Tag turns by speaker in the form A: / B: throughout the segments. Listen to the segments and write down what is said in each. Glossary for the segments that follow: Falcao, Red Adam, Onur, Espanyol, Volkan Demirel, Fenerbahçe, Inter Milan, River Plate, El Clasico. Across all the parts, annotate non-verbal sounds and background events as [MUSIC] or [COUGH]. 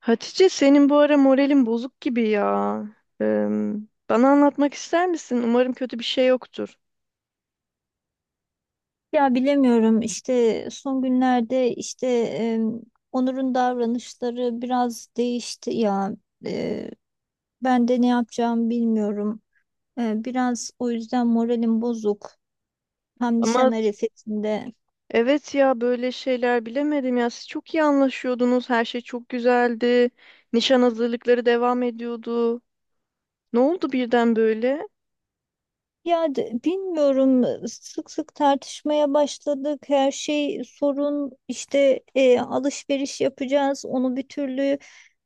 A: Hatice senin bu ara moralin bozuk gibi ya. Eee, Bana anlatmak ister misin? Umarım kötü bir şey yoktur.
B: Ya bilemiyorum işte son günlerde Onur'un davranışları biraz değişti ya. E, Ben de ne yapacağımı bilmiyorum. Biraz o yüzden moralim bozuk. Hem nişan
A: Ama
B: arifesinde.
A: evet ya böyle şeyler bilemedim ya. Siz çok iyi anlaşıyordunuz. Her şey çok güzeldi. Nişan hazırlıkları devam ediyordu. Ne oldu birden böyle?
B: Bilmiyorum, sık sık tartışmaya başladık. Her şey sorun işte alışveriş yapacağız. Onu bir türlü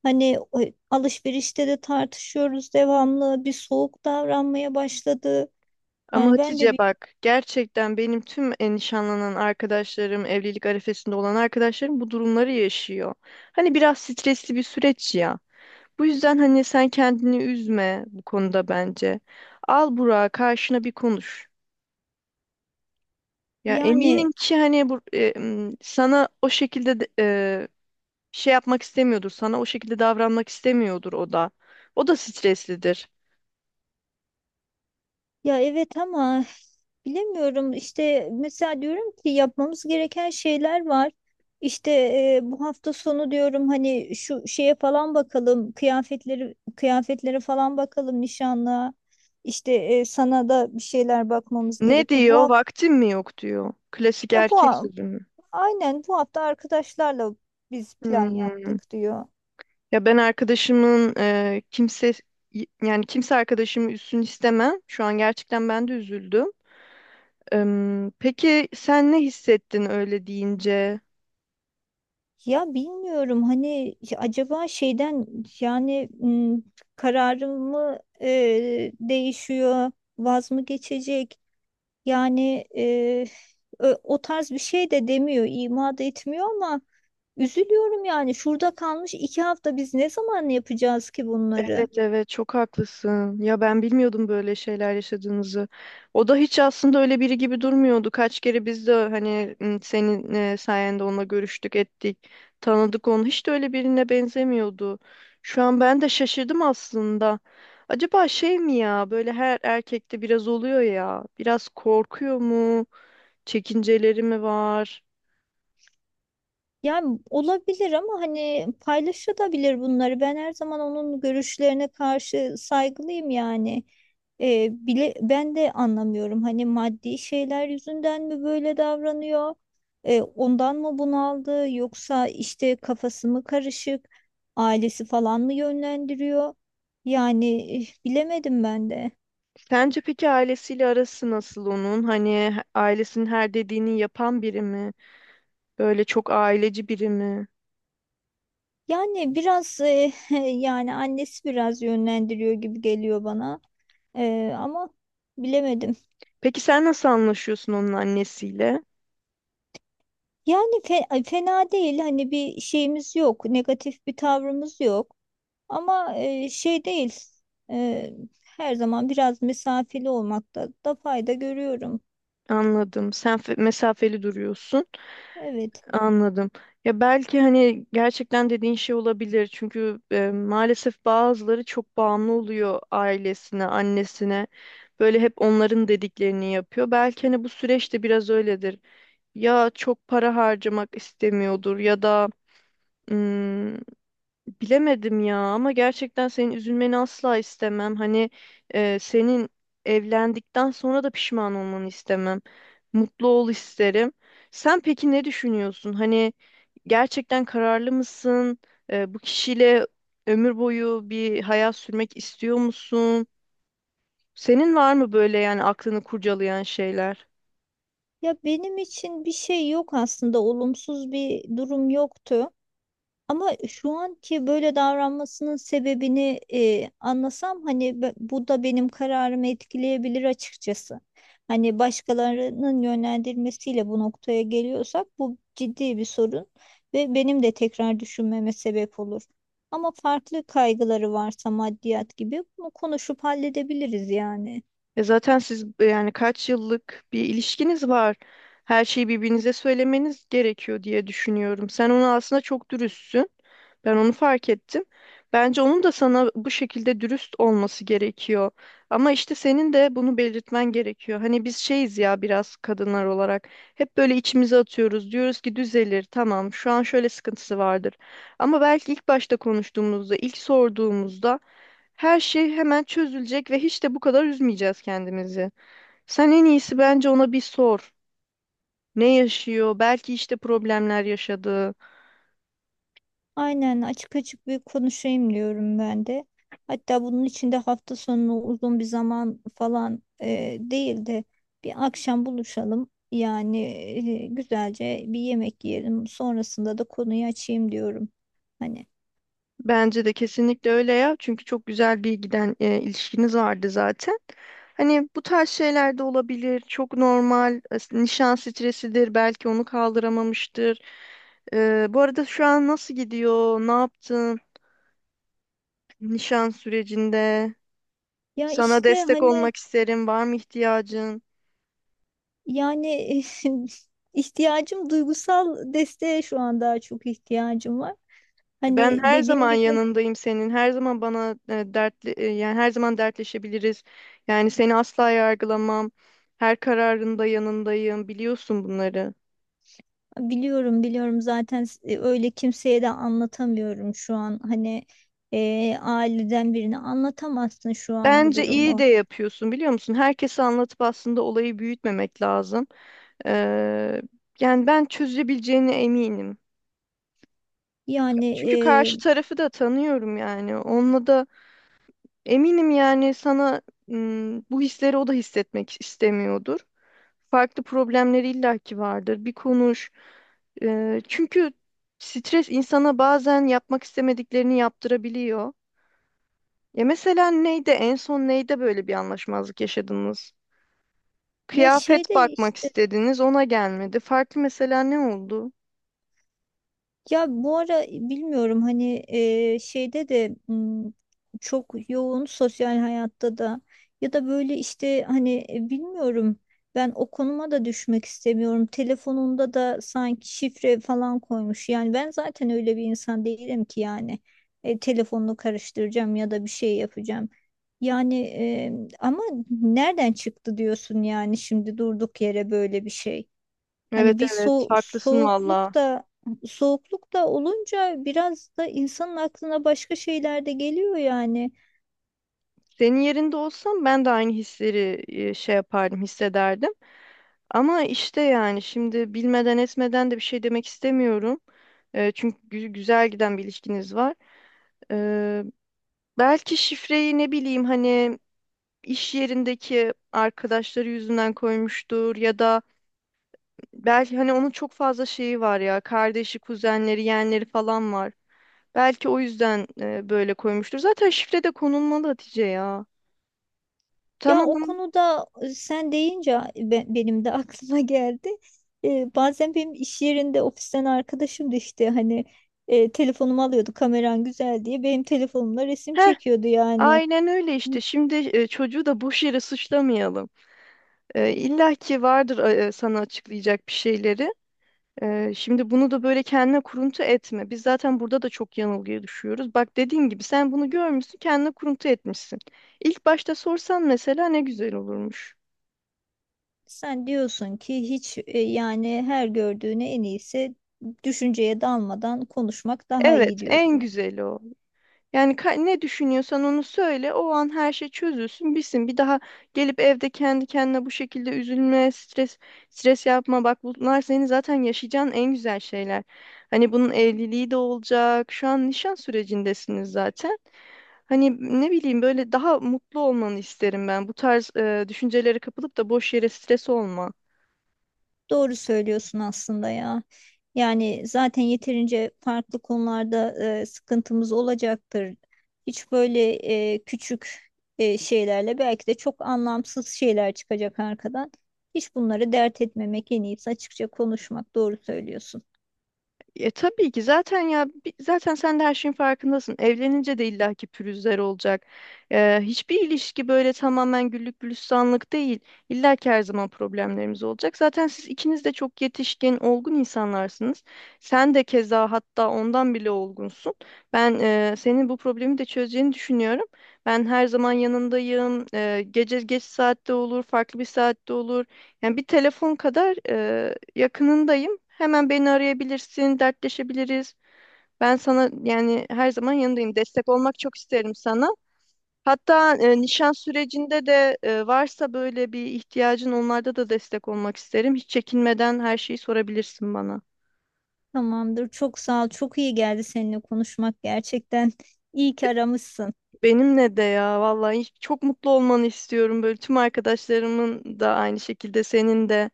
B: hani alışverişte de tartışıyoruz devamlı. Bir soğuk davranmaya başladı.
A: Ama
B: Yani ben de
A: Hatice
B: bir
A: bak gerçekten benim tüm nişanlanan arkadaşlarım, evlilik arifesinde olan arkadaşlarım bu durumları yaşıyor. Hani biraz stresli bir süreç ya. Bu yüzden hani sen kendini üzme bu konuda bence. Al Burak'ı karşına bir konuş. Ya eminim
B: yani
A: ki hani sana o şekilde şey yapmak istemiyordur. Sana o şekilde davranmak istemiyordur o da. O da streslidir.
B: ya evet, ama bilemiyorum işte, mesela diyorum ki yapmamız gereken şeyler var. İşte bu hafta sonu diyorum, hani şu şeye falan bakalım, kıyafetlere falan bakalım nişanlığa. İşte sana da bir şeyler bakmamız
A: Ne
B: gerekiyor. Bu
A: diyor?
B: hafta
A: Vaktim mi yok diyor. Klasik
B: ya bu
A: erkek
B: ha-
A: sözü mü?
B: aynen bu hafta arkadaşlarla biz plan
A: Hmm.
B: yaptık diyor.
A: Ya ben arkadaşımın kimse yani kimse arkadaşımı üzsün istemem. Şu an gerçekten ben de üzüldüm. Peki sen ne hissettin öyle deyince?
B: Ya bilmiyorum, hani acaba yani m, kararım mı değişiyor, vaz mı geçecek? Yani e, O tarz bir şey de demiyor, ima da etmiyor, ama üzülüyorum yani. Şurada kalmış iki hafta, biz ne zaman yapacağız ki bunları?
A: Evet evet çok haklısın. Ya ben bilmiyordum böyle şeyler yaşadığınızı. O da hiç aslında öyle biri gibi durmuyordu. Kaç kere biz de hani senin sayende onunla görüştük, ettik, tanıdık onu. Hiç de öyle birine benzemiyordu. Şu an ben de şaşırdım aslında. Acaba şey mi ya böyle her erkekte biraz oluyor ya. Biraz korkuyor mu? Çekinceleri mi var?
B: Yani olabilir, ama hani paylaşılabilir bunları. Ben her zaman onun görüşlerine karşı saygılıyım yani. Bile ben de anlamıyorum. Hani maddi şeyler yüzünden mi böyle davranıyor? Ondan mı bunaldı? Yoksa işte kafası mı karışık? Ailesi falan mı yönlendiriyor? Bilemedim ben de.
A: Sence peki ailesiyle arası nasıl onun? Hani ailesinin her dediğini yapan biri mi? Böyle çok aileci biri mi?
B: Yani biraz eh, [LAUGHS] yani annesi biraz yönlendiriyor gibi geliyor bana. Ama bilemedim.
A: Peki sen nasıl anlaşıyorsun onun annesiyle?
B: Yani fena değil, hani bir şeyimiz yok, negatif bir tavrımız yok, ama e, şey değil e, her zaman biraz mesafeli olmakta da fayda görüyorum.
A: Anladım. Sen mesafeli duruyorsun.
B: Evet.
A: Anladım. Ya belki hani gerçekten dediğin şey olabilir. Çünkü maalesef bazıları çok bağımlı oluyor ailesine, annesine. Böyle hep onların dediklerini yapıyor. Belki hani bu süreçte biraz öyledir. Ya çok para harcamak istemiyordur ya da bilemedim ya, ama gerçekten senin üzülmeni asla istemem. Senin evlendikten sonra da pişman olmanı istemem. Mutlu ol isterim. Sen peki ne düşünüyorsun? Hani gerçekten kararlı mısın? Bu kişiyle ömür boyu bir hayat sürmek istiyor musun? Senin var mı böyle yani aklını kurcalayan şeyler?
B: Ya benim için bir şey yok aslında, olumsuz bir durum yoktu. Ama şu anki böyle davranmasının sebebini anlasam, hani bu da benim kararımı etkileyebilir açıkçası. Hani başkalarının yönlendirmesiyle bu noktaya geliyorsak, bu ciddi bir sorun ve benim de tekrar düşünmeme sebep olur. Ama farklı kaygıları varsa, maddiyat gibi, bunu konuşup halledebiliriz yani.
A: Zaten siz yani kaç yıllık bir ilişkiniz var. Her şeyi birbirinize söylemeniz gerekiyor diye düşünüyorum. Sen ona aslında çok dürüstsün. Ben onu fark ettim. Bence onun da sana bu şekilde dürüst olması gerekiyor. Ama işte senin de bunu belirtmen gerekiyor. Hani biz şeyiz ya biraz kadınlar olarak. Hep böyle içimize atıyoruz. Diyoruz ki düzelir. Tamam, şu an şöyle sıkıntısı vardır. Ama belki ilk başta konuştuğumuzda, ilk sorduğumuzda her şey hemen çözülecek ve hiç de bu kadar üzmeyeceğiz kendimizi. Sen en iyisi bence ona bir sor. Ne yaşıyor? Belki işte problemler yaşadı.
B: Aynen, açık açık bir konuşayım diyorum ben de. Hatta bunun için de hafta sonu uzun bir zaman falan değil de, bir akşam buluşalım. Güzelce bir yemek yiyelim. Sonrasında da konuyu açayım diyorum. Hani
A: Bence de kesinlikle öyle ya. Çünkü çok güzel bir giden ilişkiniz vardı zaten. Hani bu tarz şeyler de olabilir. Çok normal. Nişan stresidir. Belki onu kaldıramamıştır. Bu arada şu an nasıl gidiyor? Ne yaptın? Nişan sürecinde.
B: ya
A: Sana
B: işte
A: destek
B: hani
A: olmak isterim. Var mı ihtiyacın?
B: yani [LAUGHS] ihtiyacım, duygusal desteğe şu an daha çok ihtiyacım var.
A: Ben
B: Hani
A: her
B: dediğim
A: zaman
B: gibi.
A: yanındayım senin. Her zaman bana yani her zaman dertleşebiliriz. Yani seni asla yargılamam. Her kararında yanındayım. Biliyorsun bunları.
B: Biliyorum, biliyorum, zaten öyle kimseye de anlatamıyorum şu an, hani aileden birine anlatamazsın şu an bu
A: Bence iyi de
B: durumu.
A: yapıyorsun biliyor musun? Herkese anlatıp aslında olayı büyütmemek lazım. Ee, Yani ben çözebileceğine eminim.
B: yani
A: Çünkü
B: e,
A: karşı tarafı da tanıyorum yani. Onunla da eminim yani sana bu hisleri o da hissetmek istemiyordur. Farklı problemleri illaki vardır. Bir konuş. Çünkü stres insana bazen yapmak istemediklerini yaptırabiliyor. Ya mesela neydi en son neyde böyle bir anlaşmazlık yaşadınız?
B: ya
A: Kıyafet
B: şeyde
A: bakmak istediniz ona gelmedi. Farklı mesela ne oldu?
B: Ya bu ara bilmiyorum, hani e, şeyde de m, çok yoğun sosyal hayatta da, ya da böyle, işte hani bilmiyorum, ben o konuma da düşmek istemiyorum. Telefonunda da sanki şifre falan koymuş. Yani ben zaten öyle bir insan değilim ki yani telefonunu karıştıracağım ya da bir şey yapacağım. Yani, ama nereden çıktı diyorsun yani, şimdi durduk yere böyle bir şey. Hani
A: Evet
B: bir
A: evet haklısın valla.
B: soğukluk da, soğukluk da olunca biraz da insanın aklına başka şeyler de geliyor yani.
A: Senin yerinde olsam ben de aynı hisleri e, şey yapardım hissederdim. Ama işte yani şimdi bilmeden etmeden de bir şey demek istemiyorum. Çünkü güzel giden bir ilişkiniz var. Eee, Belki şifreyi ne bileyim hani iş yerindeki arkadaşları yüzünden koymuştur ya da belki hani onun çok fazla şeyi var ya, kardeşi, kuzenleri, yeğenleri falan var. Belki o yüzden böyle koymuştur. Zaten şifre de konulmalı Hatice ya.
B: Ya
A: Tamam.
B: o konuda, sen deyince benim de [LAUGHS] aklıma geldi. Bazen benim iş yerinde ofisten arkadaşım da, işte hani, telefonumu alıyordu, kameran güzel diye benim telefonumla resim
A: Heh,
B: çekiyordu yani.
A: aynen öyle işte. Şimdi çocuğu da boş yere suçlamayalım. İlla ki vardır sana açıklayacak bir şeyleri. Şimdi bunu da böyle kendine kuruntu etme. Biz zaten burada da çok yanılgıya düşüyoruz. Bak dediğim gibi sen bunu görmüşsün, kendine kuruntu etmişsin. İlk başta sorsan mesela ne güzel olurmuş.
B: Sen diyorsun ki hiç, yani her gördüğüne en iyisi düşünceye dalmadan konuşmak daha iyi
A: Evet, en
B: diyorsun.
A: güzeli o. Yani ne düşünüyorsan onu söyle. O an her şey çözülsün, bitsin. Bir daha gelip evde kendi kendine bu şekilde üzülme, stres yapma. Bak bunlar senin zaten yaşayacağın en güzel şeyler. Hani bunun evliliği de olacak. Şu an nişan sürecindesiniz zaten. Hani ne bileyim böyle daha mutlu olmanı isterim ben. Bu tarz düşüncelere kapılıp da boş yere stres olma.
B: Doğru söylüyorsun aslında ya. Yani zaten yeterince farklı konularda sıkıntımız olacaktır. Hiç böyle küçük şeylerle, belki de çok anlamsız şeyler çıkacak arkadan. Hiç bunları dert etmemek en iyisi, açıkça konuşmak. Doğru söylüyorsun.
A: Tabii ki zaten ya zaten sen de her şeyin farkındasın. Evlenince de illaki pürüzler olacak. Hiçbir ilişki böyle tamamen güllük gülistanlık değil. İllaki her zaman problemlerimiz olacak. Zaten siz ikiniz de çok yetişkin, olgun insanlarsınız. Sen de keza hatta ondan bile olgunsun. Ben senin bu problemi de çözeceğini düşünüyorum. Ben her zaman yanındayım. Gece geç saatte olur, farklı bir saatte olur. Yani bir telefon kadar yakınındayım. Hemen beni arayabilirsin, dertleşebiliriz. Ben sana yani her zaman yanındayım. Destek olmak çok isterim sana. Hatta nişan sürecinde de varsa böyle bir ihtiyacın onlarda da destek olmak isterim. Hiç çekinmeden her şeyi sorabilirsin bana.
B: Tamamdır. Çok sağ ol. Çok iyi geldi seninle konuşmak gerçekten. İyi ki aramışsın.
A: Benimle de ya vallahi çok mutlu olmanı istiyorum. Böyle tüm arkadaşlarımın da aynı şekilde senin de.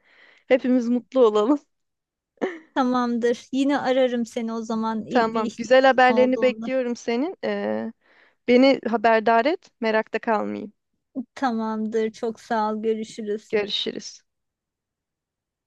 A: Hepimiz mutlu olalım.
B: Tamamdır. Yine ararım seni o zaman,
A: [LAUGHS]
B: bir
A: Tamam. Güzel
B: ihtiyacın
A: haberlerini
B: olduğunda.
A: bekliyorum senin. Beni haberdar et, merakta kalmayayım.
B: Tamamdır. Çok sağ ol. Görüşürüz.
A: Görüşürüz.